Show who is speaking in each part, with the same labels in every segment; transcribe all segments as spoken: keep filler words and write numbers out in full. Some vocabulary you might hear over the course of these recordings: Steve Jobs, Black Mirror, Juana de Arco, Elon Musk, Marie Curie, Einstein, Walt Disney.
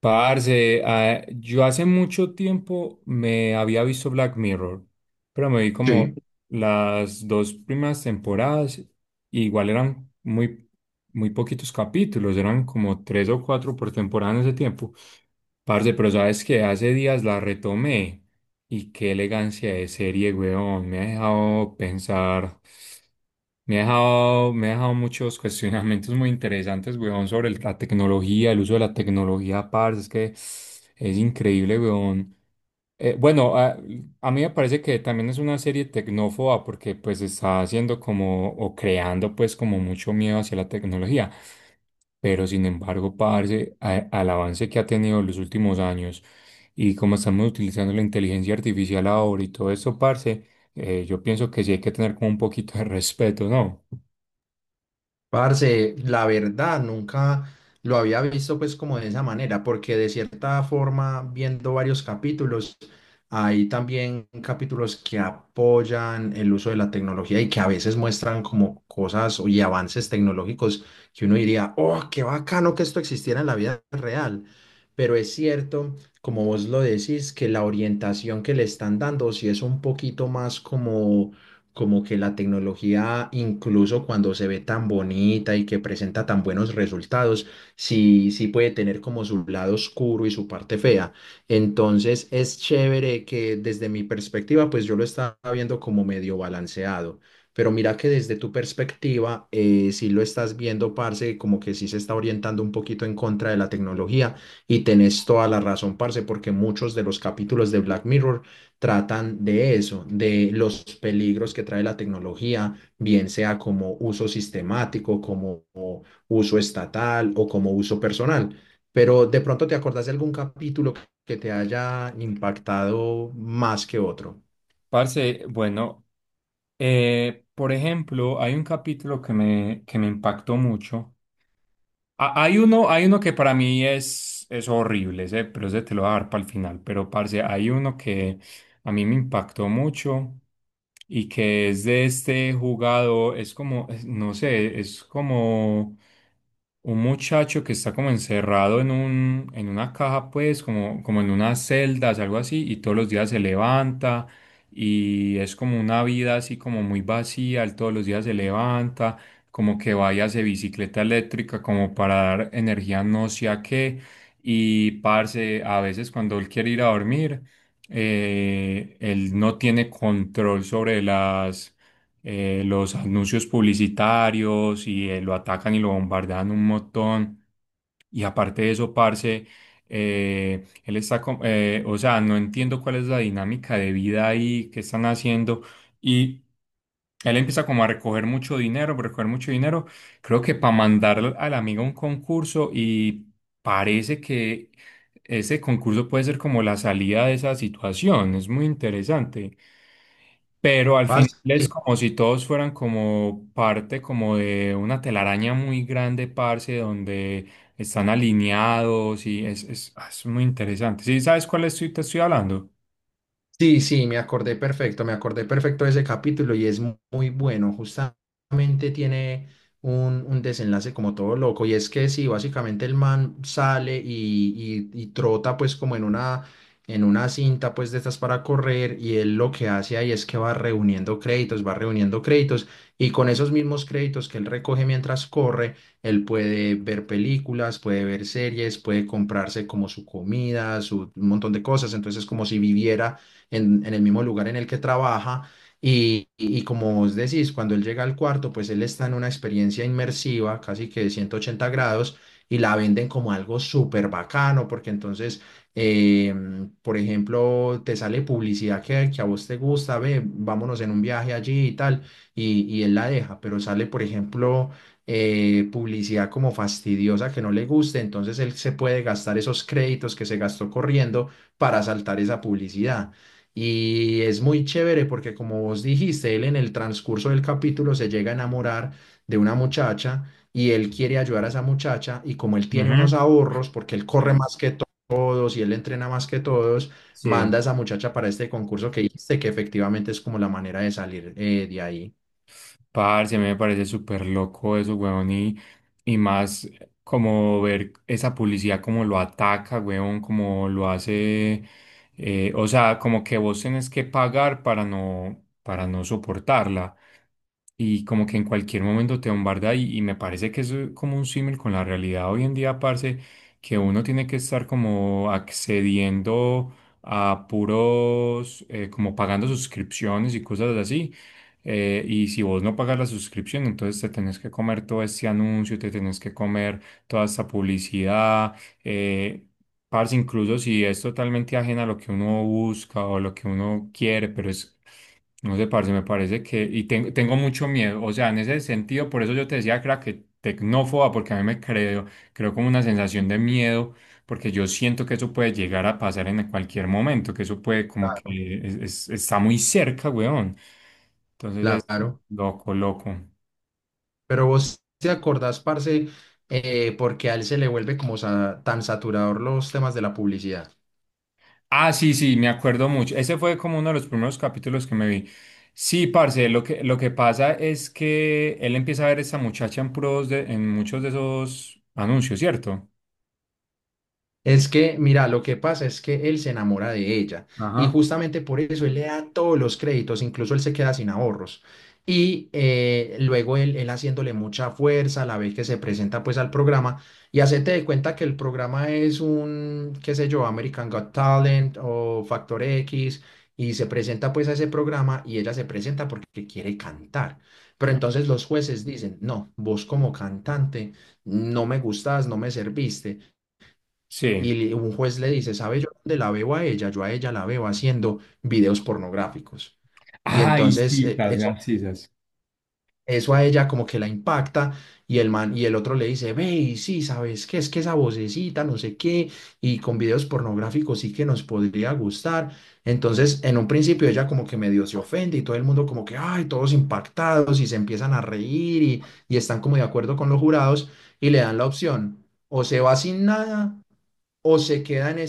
Speaker 1: Parce, ah, yo hace mucho tiempo me había visto Black Mirror, pero me vi como
Speaker 2: Sí.
Speaker 1: las dos primeras temporadas, y igual eran muy, muy poquitos capítulos, eran como tres o cuatro por temporada en ese tiempo. Parce, pero sabes que hace días la retomé y qué elegancia de serie, weón. Me ha dejado pensar, me ha dejado, me ha dejado muchos cuestionamientos muy interesantes, weón, sobre el- la tecnología, el uso de la tecnología, parce. Es que es increíble, weón. Eh, bueno, a, a mí me parece que también es una serie tecnófoba porque pues está haciendo como, o creando pues como mucho miedo hacia la tecnología. Pero sin embargo, parce, a- al avance que ha tenido en los últimos años. Y como estamos utilizando la inteligencia artificial ahora y todo eso, parce, eh, yo pienso que sí hay que tener como un poquito de respeto, ¿no?
Speaker 2: Parce, la verdad, nunca lo había visto pues como de esa manera, porque de cierta forma, viendo varios capítulos, hay también capítulos que apoyan el uso de la tecnología y que a veces muestran como cosas y avances tecnológicos que uno diría, oh, qué bacano que esto existiera en la vida real. Pero es cierto, como vos lo decís, que la orientación que le están dando sí es un poquito más como como que la tecnología, incluso cuando se ve tan bonita y que presenta tan buenos resultados, sí, sí puede tener como su lado oscuro y su parte fea. Entonces es chévere que desde mi perspectiva, pues yo lo estaba viendo como medio balanceado. Pero mira que desde tu perspectiva, eh, sí lo estás viendo, parce, como que sí se está orientando un poquito en contra de la tecnología y tenés toda la razón, parce, porque muchos de los capítulos de Black Mirror tratan de eso, de los peligros que trae la tecnología, bien sea como uso sistemático, como uso estatal o como uso personal. Pero de pronto te acordás de algún capítulo que te haya impactado más que otro.
Speaker 1: Parce, bueno, eh, por ejemplo, hay un capítulo que me, que me impactó mucho. Ha- Hay uno, hay uno que para mí es, es horrible, ese, pero ese te lo voy a dar para el final. Pero, parce, hay uno que a mí me impactó mucho y que es de este jugador, es como, es- no sé, es como un muchacho que está como encerrado en un, en una caja, pues, como, como en unas celdas, algo así, y todos los días se levanta y es como una vida así como muy vacía, él todos los días se levanta como que vaya a bicicleta eléctrica como para dar energía no sé a qué. Y parce, a veces cuando él quiere ir a dormir, eh, él no tiene control sobre las, eh, los anuncios publicitarios y eh, lo atacan y lo bombardean un montón. Y aparte de eso, parce, eh, él está, com- eh, o sea, no entiendo cuál es la dinámica de vida ahí que están haciendo y él empieza como a recoger mucho dinero, recoger mucho dinero, creo que para mandar al al amigo a un concurso y parece que ese concurso puede ser como la salida de esa situación, es muy interesante. Pero al final
Speaker 2: Parce,
Speaker 1: es como si todos fueran como parte como de una telaraña muy grande, parce, donde están alineados y es, es, ah, es muy interesante. ¿Sí sabes cuál estoy, te estoy hablando?
Speaker 2: sí, sí, me acordé perfecto, me acordé perfecto de ese capítulo y es mu- muy bueno. Justamente tiene un, un desenlace como todo loco y es que sí, básicamente el man sale y, y- y trota pues como en una, en una cinta pues de estas para correr y él lo que hace ahí es que va reuniendo créditos, va reuniendo créditos y con esos mismos créditos que él recoge mientras corre, él puede ver películas, puede ver series, puede comprarse como su comida, su, un montón de cosas. Entonces es como si viviera en, en el mismo lugar en el que trabaja. Y, y- y como vos decís, cuando él llega al cuarto, pues él está en una experiencia inmersiva, casi que de ciento ochenta grados, y la venden como algo súper bacano. Porque entonces, em, por ejemplo, te sale publicidad que, que a vos te gusta, ve, vámonos en un viaje allí y tal, y, y él la deja, pero sale, por ejemplo, eh, publicidad como fastidiosa que no le guste, entonces él se puede gastar esos créditos que se gastó corriendo para saltar esa publicidad. Y es muy chévere porque, como vos dijiste, él en el transcurso del capítulo se llega a enamorar de una muchacha y él quiere ayudar a esa muchacha y como él tiene unos
Speaker 1: Ujú.
Speaker 2: ahorros, porque él corre más que to- todos y él entrena más que todos,
Speaker 1: Sí.
Speaker 2: manda a esa muchacha para este concurso que dijiste, que efectivamente es como la manera de salir eh, de ahí.
Speaker 1: Parce, a mí me parece súper loco eso, weón, y, y más como ver esa publicidad, como lo ataca, weón, como lo hace, eh, o sea, como que vos tenés que pagar para no, para no soportarla y como que en cualquier momento te bombarda y, y me parece que eso es como un símil con la realidad hoy en día, parce, que uno tiene que estar como accediendo a puros, eh, como pagando suscripciones y cosas así. eh, y si vos no pagas la suscripción, entonces te tenés que comer todo este anuncio, te tenés que comer toda esta publicidad, eh, parce, incluso si es totalmente ajena a lo que uno busca o lo que uno quiere, pero es no sé, parce, me parece que, y ten- tengo mucho miedo, o sea, en ese sentido, por eso yo te decía que era que tecnófoba, porque a mí me creo, creo como una sensación de miedo, porque yo siento que eso puede llegar a pasar en cualquier momento, que eso puede como
Speaker 2: Claro.
Speaker 1: que es- es- está muy cerca, weón. Entonces es
Speaker 2: Claro.
Speaker 1: loco, loco.
Speaker 2: Pero vos te acordás, parce, eh, porque a él se le vuelve como sa- tan saturador los temas de la publicidad.
Speaker 1: Ah, sí, sí, me acuerdo mucho. Ese fue como uno de los primeros capítulos que me vi. Sí, parce, lo que, lo que pasa es que él empieza a ver a esta muchacha en pros de, en muchos de esos anuncios, ¿cierto?
Speaker 2: Es que, mira, lo que pasa es que él se enamora de ella y
Speaker 1: Ajá.
Speaker 2: justamente por eso él le da todos los créditos, incluso él se queda sin ahorros. Y eh, luego él, él haciéndole mucha fuerza, la vez que se presenta pues al programa y hacete de cuenta que el programa es un, qué sé yo, American Got Talent o Factor X y se presenta pues a ese programa y ella se presenta porque quiere cantar. Pero entonces los jueces dicen, no, vos como cantante no me gustas, no me serviste.
Speaker 1: Sí.
Speaker 2: Y un juez le dice, ¿sabe yo dónde la veo a ella? Yo a ella la veo haciendo videos pornográficos. Y
Speaker 1: Ay,
Speaker 2: entonces eh,
Speaker 1: sisas,
Speaker 2: eso,
Speaker 1: las sisas.
Speaker 2: eso a ella como que la impacta y el man, y el otro le dice, ve, y sí, ¿sabes qué? Es que esa vocecita, no sé qué, y con videos pornográficos sí que nos podría gustar. Entonces, en un principio ella como que medio se ofende y todo el mundo como que, ay, todos impactados y se empiezan a reír y, y están como de acuerdo con los jurados y le dan la opción, o se va sin nada o se queda en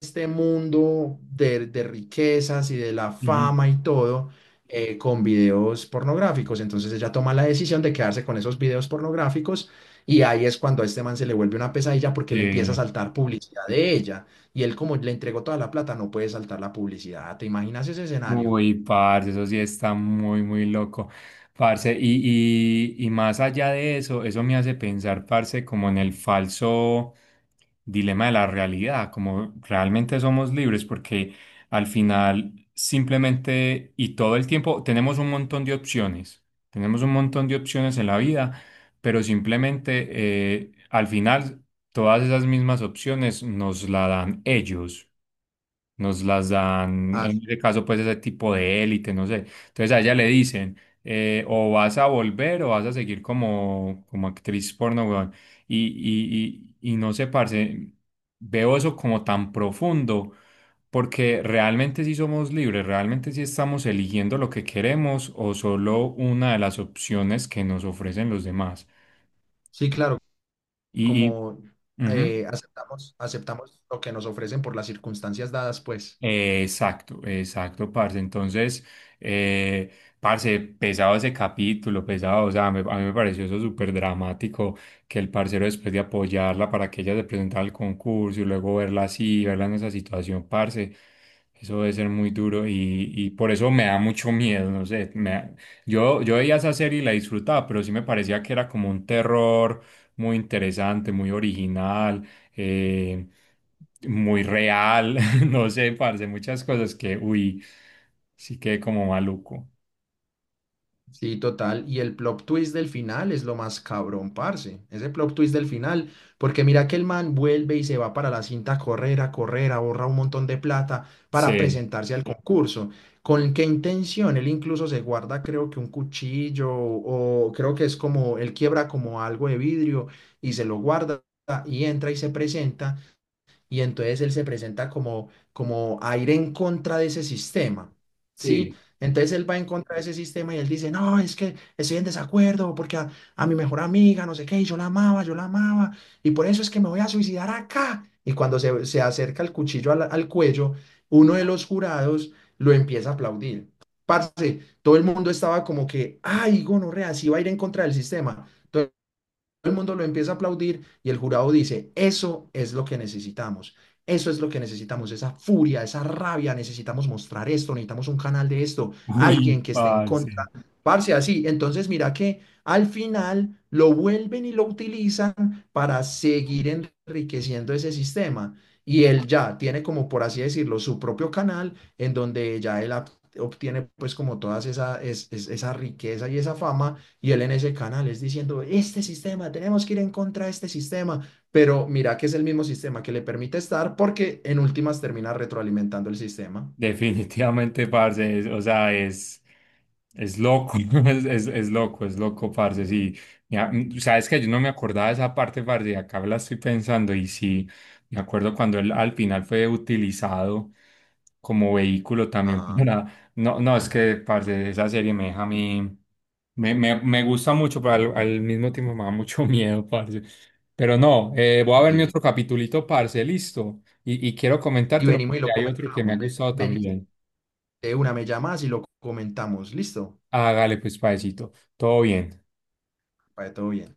Speaker 2: este mundo de, de riquezas y de la
Speaker 1: Ujú.
Speaker 2: fama y todo eh, con videos pornográficos. Entonces ella toma la decisión de quedarse con esos videos pornográficos y ahí es cuando a este man se le vuelve una pesadilla porque le empieza a
Speaker 1: Sí.
Speaker 2: saltar publicidad de ella y él como le entregó toda la plata no puede saltar la publicidad. ¿Te imaginas ese escenario?
Speaker 1: Uy, parce, eso sí está muy, muy loco. Parce, y, y, y más allá de eso, eso me hace pensar, parce, como en el falso dilema de la realidad, como realmente somos libres, porque al final simplemente y todo el tiempo tenemos un montón de opciones, tenemos un montón de opciones en la vida, pero simplemente eh, al final todas esas mismas opciones nos la dan ellos. Nos las dan,
Speaker 2: Ah,
Speaker 1: en ese caso, pues ese tipo de élite, no sé. Entonces a ella le dicen, eh, o vas a volver o vas a seguir como, como actriz porno, weón. Y, y, y, y no sé, parce, veo eso como tan profundo, porque realmente sí somos libres, realmente sí estamos eligiendo lo que queremos o solo una de las opciones que nos ofrecen los demás.
Speaker 2: sí, claro,
Speaker 1: Y, y
Speaker 2: como
Speaker 1: ujú.
Speaker 2: eh, aceptamos, aceptamos lo que nos ofrecen por las circunstancias dadas, pues.
Speaker 1: Eh, Exacto, exacto, parce. Entonces, eh, parce, pesado ese capítulo, pesado. O sea, me- a mí me pareció eso súper dramático que el parcero, después de apoyarla para que ella se presentara al concurso y luego verla así, verla en esa situación, parce, eso debe ser muy duro y, y por eso me da mucho miedo. No sé, me da- yo, yo veía esa serie y la disfrutaba, pero sí me parecía que era como un terror muy interesante, muy original. Eh, muy real. No sé, parce, muchas cosas que, uy, sí que como maluco.
Speaker 2: Sí, total. Y el plot twist del final es lo más cabrón, parce. Ese plot twist del final. Porque mira que el man vuelve y se va para la cinta a correr, a correr, ahorra un montón de plata para
Speaker 1: Sí.
Speaker 2: presentarse al concurso. ¿Con qué intención? Él incluso se guarda, creo que un cuchillo o creo que es como, él quiebra como algo de vidrio y se lo guarda y entra y se presenta y entonces él se presenta como, como a ir en contra de ese sistema, ¿sí?
Speaker 1: Sí.
Speaker 2: Entonces él va en contra de ese sistema y él dice, no, es que estoy en desacuerdo porque a, a mi mejor amiga, no sé qué, y yo la amaba, yo la amaba, y por eso es que me voy a suicidar acá. Y cuando se, se acerca el cuchillo al, al cuello, uno de los jurados lo empieza a aplaudir. Parce, todo el mundo estaba como que, ay, gonorrea, sí va a ir en contra del sistema, el mundo lo empieza a aplaudir y el jurado dice, eso es lo que necesitamos, eso es lo que necesitamos, esa furia, esa rabia, necesitamos mostrar esto, necesitamos un canal de esto, alguien
Speaker 1: Uy,
Speaker 2: que esté en
Speaker 1: parce.
Speaker 2: contra, parce, así. Entonces mira que al final lo vuelven y lo utilizan para seguir enriqueciendo ese sistema. Y él ya tiene como, por así decirlo, su propio canal en donde ya él ob- obtiene pues como todas esa, es- es- esa riqueza y esa fama y él en ese canal es diciendo, este sistema, tenemos que ir en contra de este sistema, pero mira que es el mismo sistema que le permite estar porque en últimas termina retroalimentando el sistema.
Speaker 1: Definitivamente, parce, es- o sea, es, es loco, es, es, es loco, es loco, parce, sí. Mira, mm, sabes que yo no me acordaba de esa parte, parce, y acá la estoy pensando, y sí, me acuerdo cuando él al final fue utilizado como vehículo también
Speaker 2: Ajá,
Speaker 1: para... No, no, es que, parce, esa serie me deja a mí... Me, me, me gusta mucho, pero al, al mismo tiempo me da mucho miedo, parce. Pero no, eh, voy a ver mi
Speaker 2: sí.
Speaker 1: otro capitulito, parce, listo. Y, y quiero
Speaker 2: Y
Speaker 1: comentártelo
Speaker 2: venimos y
Speaker 1: porque
Speaker 2: lo
Speaker 1: hay otro que me
Speaker 2: comentamos.
Speaker 1: ha
Speaker 2: Ve-
Speaker 1: gustado
Speaker 2: Venís
Speaker 1: también.
Speaker 2: de una, me llamas y lo comentamos. Listo,
Speaker 1: Hágale pues, paecito. Todo bien.
Speaker 2: para todo bien.